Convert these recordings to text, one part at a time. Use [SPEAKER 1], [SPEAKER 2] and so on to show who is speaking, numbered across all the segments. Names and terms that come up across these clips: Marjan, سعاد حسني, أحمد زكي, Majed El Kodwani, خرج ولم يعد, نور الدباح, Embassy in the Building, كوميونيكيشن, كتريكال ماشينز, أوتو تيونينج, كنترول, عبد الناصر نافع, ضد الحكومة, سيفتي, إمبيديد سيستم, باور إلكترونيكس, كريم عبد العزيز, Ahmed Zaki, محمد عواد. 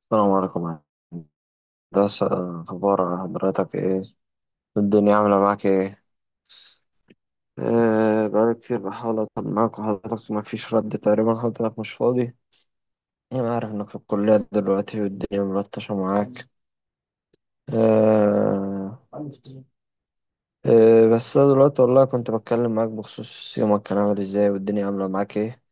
[SPEAKER 1] السلام عليكم. بس أخبار حضرتك إيه؟ الدنيا عاملة معاك إيه؟ إيه، بقالي كتير بحاول أطمن معاك وحضرتك مفيش رد تقريبا، حضرتك مش فاضي. أنا عارف إنك في الكلية دلوقتي والدنيا ملطشة معاك. إيه؟ إيه بس أنا دلوقتي والله كنت بتكلم معاك بخصوص يومك كان عامل إزاي، والدنيا عاملة معاك إيه؟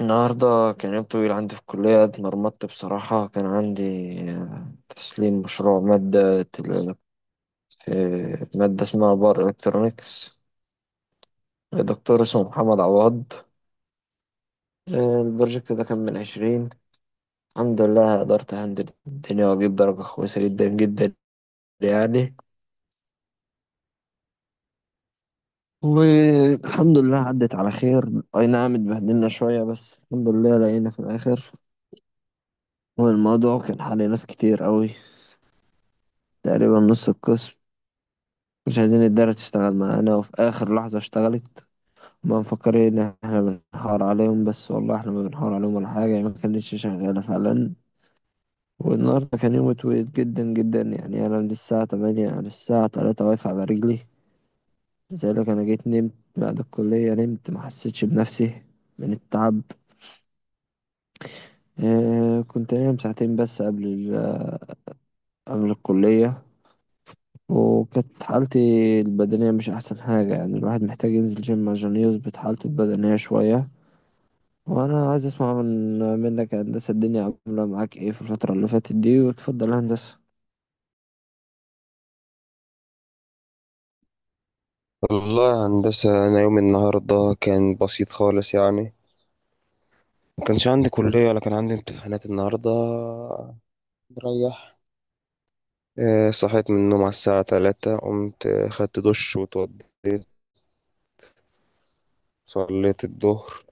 [SPEAKER 1] النهاردة كان يوم طويل عندي في الكلية، اتمرمطت بصراحة. كان عندي تسليم مشروع مادة. مادة اسمها باور إلكترونيكس، دكتور اسمه محمد عواد. البروجكت ده كان من 20. الحمد لله قدرت أهندل الدنيا وأجيب درجة كويسة جدا جدا يعني. والحمد لله عدت على خير، أي نعم اتبهدلنا شوية بس الحمد لله لقينا في الآخر. والموضوع كان حل ناس كتير قوي، تقريبا نص القسم، مش عايزين الدارة تشتغل معانا وفي آخر لحظة اشتغلت. ما مفكرين إن احنا بنحاور عليهم، بس والله احنا ما بنحاور عليهم ولا حاجة، يعني ما كانتش شغالة فعلا. والنهاردة كان يوم طويل جدا جدا، يعني أنا من الساعة 8 على الساعة 3 واقف على رجلي. لذلك أنا جيت نمت بعد الكلية، نمت ما حسيتش بنفسي من التعب. كنت نايم ساعتين بس قبل قبل الكلية، وكانت حالتي البدنية مش أحسن حاجة. يعني الواحد محتاج ينزل جيم عشان يظبط حالته البدنية شوية. وأنا عايز أسمع منك يا هندسة، الدنيا عاملة معاك إيه في الفترة اللي فاتت دي؟ وتفضل يا هندسة.
[SPEAKER 2] والله يا هندسة، أنا يوم النهاردة كان بسيط خالص يعني. ما كانش عندي كلية ولا كان عندي امتحانات النهاردة، مريح. صحيت من النوم على الساعة 3، قمت خدت دش وتوضيت، صليت الظهر.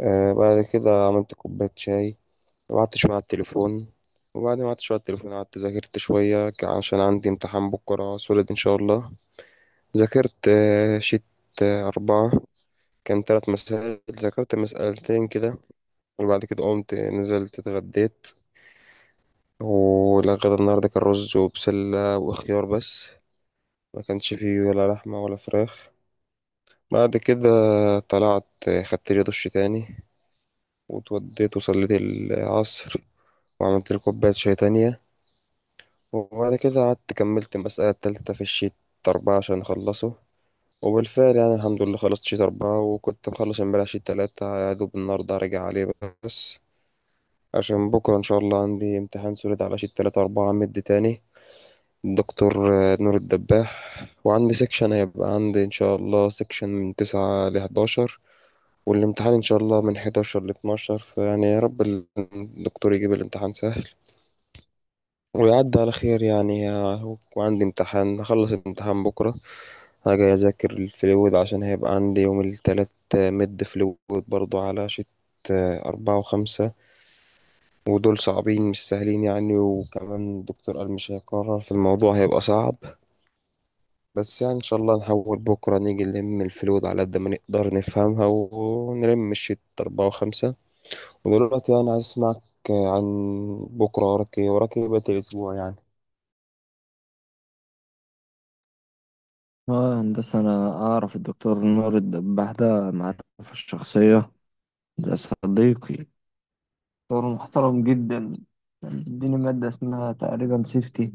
[SPEAKER 2] بعد كده عملت كوباية شاي وقعدت شوية على التليفون. وبعد ما قعدت شوية على التليفون، قعدت ذاكرت شوية عشان عندي امتحان بكرة سولد إن شاء الله. ذاكرت شيت أربعة، كان تلات مسائل، ذاكرت مسألتين كده. وبعد كده قمت نزلت اتغديت، والغدا النهاردة كان رز وبسلة وخيار بس، ما كانش فيه ولا لحمة ولا فراخ. بعد كده طلعت، خدت لي دش تاني واتوديت وصليت العصر، وعملت لي كوباية شاي تانية. وبعد كده قعدت كملت المسألة التالتة في الشيت أربعة عشان أخلصه. وبالفعل يعني الحمد لله خلصت شيت أربعة، وكنت مخلص امبارح شيت تلاتة يا دوب، النهاردة هرجع عليه بس. عشان بكرة إن شاء الله عندي امتحان سوليد على شيت تلاتة أربعة مد تاني، دكتور نور الدباح، وعندي سيكشن، هيبقى عندي إن شاء الله سيكشن من 9 لـ11، والامتحان إن شاء الله من 11 لـ12. فيعني يا رب الدكتور يجيب الامتحان سهل ويعدي على خير يعني. وعندي امتحان، هخلص الامتحان بكرة هاجي أذاكر الفلويد، عشان هيبقى عندي يوم التلات مد فلويد برضو على شت أربعة وخمسة، ودول صعبين مش سهلين يعني. وكمان الدكتور قال مش هيكرر في الموضوع، هيبقى صعب بس. يعني ان شاء الله نحاول بكره نيجي نلم الفلود على قد ما نقدر نفهمها، ونلم الشيت اربعة وخمسة. ودلوقتي انا عايز اسمعك عن بكره، وراك ايه وراك ايه بقية الاسبوع يعني؟
[SPEAKER 1] اه هندسة، أنا أعرف الدكتور نور الدباح ده معرفة الشخصية. ده صديقي، دكتور محترم جدا. كان بيديني مادة اسمها تقريبا سيفتي.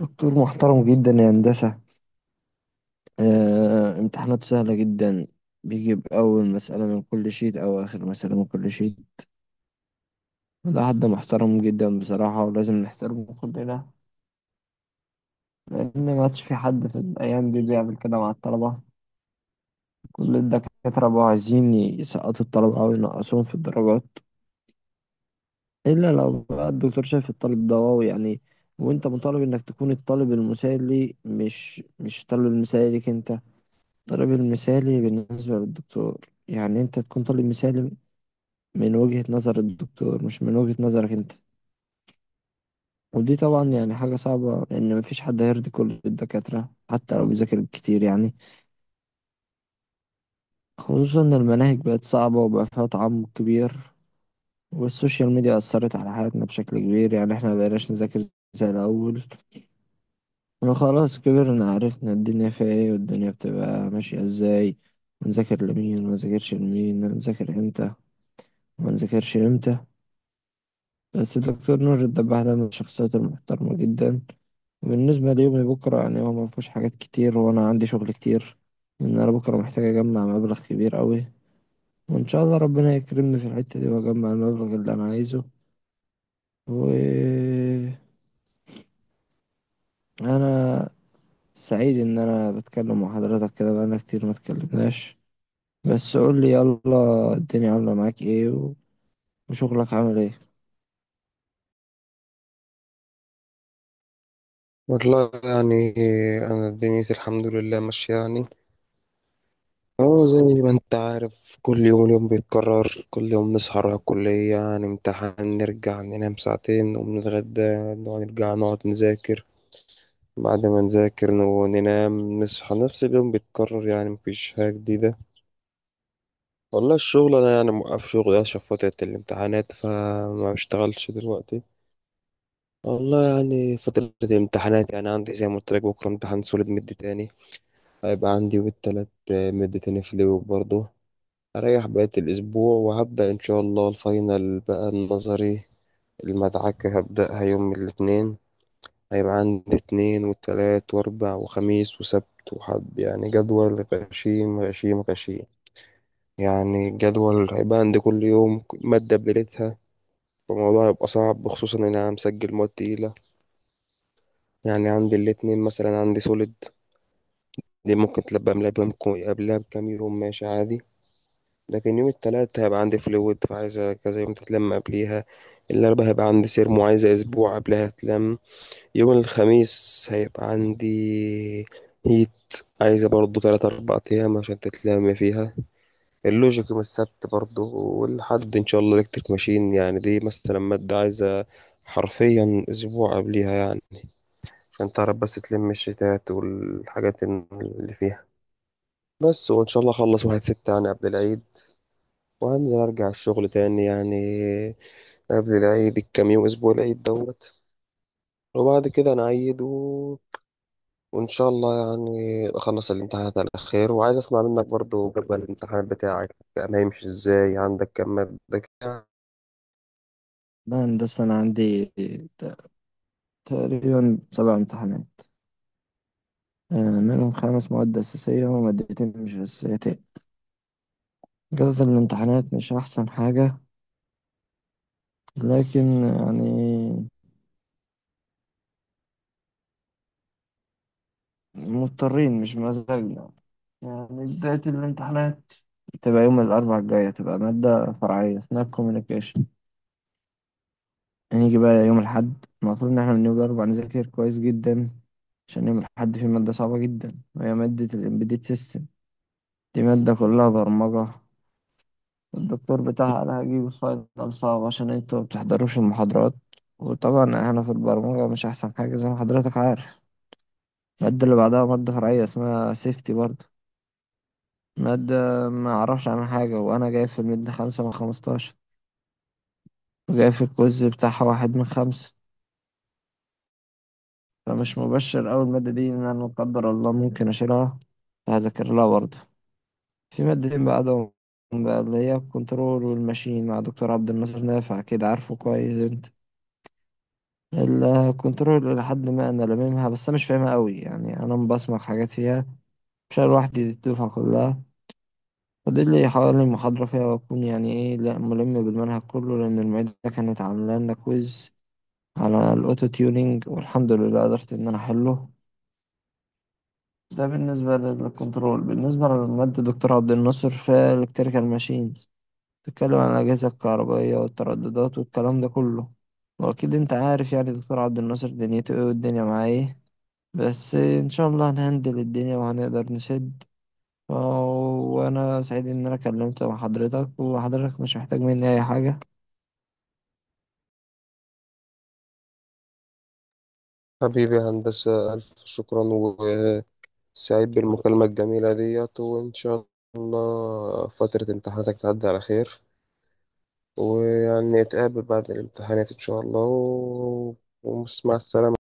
[SPEAKER 1] دكتور محترم جدا يا هندسة. امتحانات سهلة جدا، بيجيب أول مسألة من كل شيت أو آخر مسألة من كل شيت. ده حد محترم جدا بصراحة، ولازم نحترمه كلنا، لأن ما عادش في حد في الأيام دي بيعمل كده مع الطلبة. كل الدكاترة بقوا عايزين يسقطوا الطلبة أو ينقصوهم في الدرجات، إلا لو بقى الدكتور شايف الطالب ده واو يعني. وأنت مطالب إنك تكون الطالب المثالي، مش الطالب المثالي ليك أنت، الطالب المثالي بالنسبة للدكتور. يعني أنت تكون طالب مثالي من وجهة نظر الدكتور مش من وجهة نظرك أنت. ودي طبعا يعني حاجة صعبة، لأن مفيش حد هيرضي كل الدكاترة حتى لو بيذاكر كتير يعني. خصوصا إن المناهج بقت صعبة وبقى فيها تعمق كبير، والسوشيال ميديا أثرت على حياتنا بشكل كبير. يعني إحنا مبقيناش نذاكر زي الأول، احنا خلاص كبرنا، عرفنا الدنيا فيها إيه والدنيا بتبقى ماشية إزاي، ونذاكر لمين ونذاكرش لمين، ونذاكر إمتى ونذاكرش إمتى. بس الدكتور نور الدباح ده من الشخصيات المحترمة جدا. وبالنسبة ليومي بكرة، يعني هو مفهوش حاجات كتير وأنا عندي شغل كتير. إن أنا بكرة محتاج أجمع مبلغ كبير أوي، وإن شاء الله ربنا يكرمني في الحتة دي وأجمع المبلغ اللي أنا عايزه. و أنا سعيد إن أنا بتكلم مع حضرتك كده، بقالنا كتير ما اتكلمناش. بس قول لي يلا، الدنيا عاملة معاك إيه وشغلك عامل إيه؟
[SPEAKER 2] والله يعني أنا دنيتي الحمد لله ماشية يعني. أهو زي ما أنت عارف، كل يوم اليوم بيتكرر، كل يوم نصحى نروح الكلية، نمتحن، نرجع ننام ساعتين، نقوم نتغدى، نرجع نقعد نذاكر، بعد ما نذاكر ننام، نصحى، نفس اليوم بيتكرر يعني مفيش حاجة جديدة. والله الشغل انا يعني موقف شغل عشان فترة الامتحانات، فما بشتغلش دلوقتي. والله يعني فترة الامتحانات، يعني عندي زي ما قلت لك بكرة امتحان سوليد مد تاني هيبقى عندي، والتلات مد تاني في اليوم برضه. هريح بقية الأسبوع وهبدأ إن شاء الله الفاينل بقى، النظري المدعكة هبدأها يوم الاثنين. هيبقى عندي اتنين وتلات وأربع وخميس وسبت وحد، يعني جدول غشيم غشيم غشيم. يعني الجدول هيبقى عندي كل يوم مادة بليلتها، فالموضوع هيبقى صعب خصوصا ان انا مسجل مواد تقيلة. يعني عندي الاتنين مثلا عندي سوليد، دي ممكن تلبى قبلها بيوم قبلها بكام يوم ماشي عادي. لكن يوم التلات هيبقى عندي فلويد، فعايز كذا يوم تتلم قبليها. الأربعاء هيبقى عندي سيرمو، عايزة أسبوع قبلها تلم. يوم الخميس هيبقى عندي هيت، عايزة برضو تلات أربع أيام عشان تتلم فيها. اللوجيك يوم السبت برضو، والحد إن شاء الله إلكتريك ماشين، يعني دي مثلا مادة عايزة حرفيا أسبوع قبليها يعني، عشان تعرف بس تلم الشتات والحاجات اللي فيها بس. وإن شاء الله أخلص 1/6 يعني قبل العيد، وهنزل أرجع الشغل تاني يعني. قبل العيد الكام يوم، أسبوع العيد دوت، وبعد كده نعيد، و... وإن شاء الله يعني أخلص الامتحانات على خير. وعايز أسمع منك برضو، جدول الامتحان بتاعك كان هيمشي إزاي؟ عندك كام مادة كده؟
[SPEAKER 1] لا هندسة، أنا عندي ت- تقريبا 7 امتحانات، آه، منهم 5 مواد أساسية ومادتين مش أساسيتين. جودة الامتحانات مش أحسن حاجة، لكن يعني مضطرين مش مزاجنا. يعني بداية الامتحانات تبقى يوم الأربعاء الجاية، تبقى مادة فرعية اسمها كوميونيكيشن. هنيجي بقى يوم الأحد، المفروض إن احنا بنرجع نذاكر كويس جدا، عشان يوم الأحد في مادة صعبة جدا وهي مادة الإمبيديد سيستم. دي مادة كلها برمجة. الدكتور بتاعها قال هجيب فاينل صعب عشان انتوا ما بتحضروش المحاضرات، وطبعا احنا في البرمجة مش أحسن حاجة زي ما حضرتك عارف. المادة اللي بعدها مادة فرعية اسمها سيفتي برضه. مادة ما أعرفش عنها حاجة، وأنا جايب في المادة 5 من 15، وجايب في الكوز بتاعها 1 من 5. فمش مبشر أوي المادة دي، إن أنا لا قدر الله ممكن أشيلها. هذاكر لها برضه. في مادتين بعدهم بقى، اللي هي الكنترول والماشين، مع دكتور عبد الناصر نافع كده عارفه كويس أنت. الكنترول لحد ما أنا لاممها، بس أنا مش فاهمها أوي يعني، أنا مبصمك حاجات فيها. مش أنا لوحدي، دي الدفعة كلها. فاضل لي حوالي محاضرة فيها وأكون يعني إيه، لأ ملم بالمنهج كله، لأن المعيدة كانت عاملة لنا كويز على الأوتو تيونينج والحمد لله قدرت إن أنا أحله. ده بالنسبة للكنترول. بالنسبة للمادة دكتور عبد الناصر في الكتريكال ماشينز، تتكلم عن الأجهزة الكهربائية والترددات والكلام ده كله. وأكيد أنت عارف يعني دكتور عبد الناصر دنيته إيه والدنيا معاه إيه. بس إن شاء الله هنهندل الدنيا وهنقدر نسد. وأنا سعيد إن أنا كلمت مع حضرتك، وحضرتك مش محتاج مني أي حاجة.
[SPEAKER 2] حبيبي يا هندسة، ألف شكرا، وسعيد بالمكالمة الجميلة ديت، وإن شاء الله فترة امتحاناتك تعدي على خير، ويعني نتقابل بعد الامتحانات إن شاء الله، و... ومع السلامة.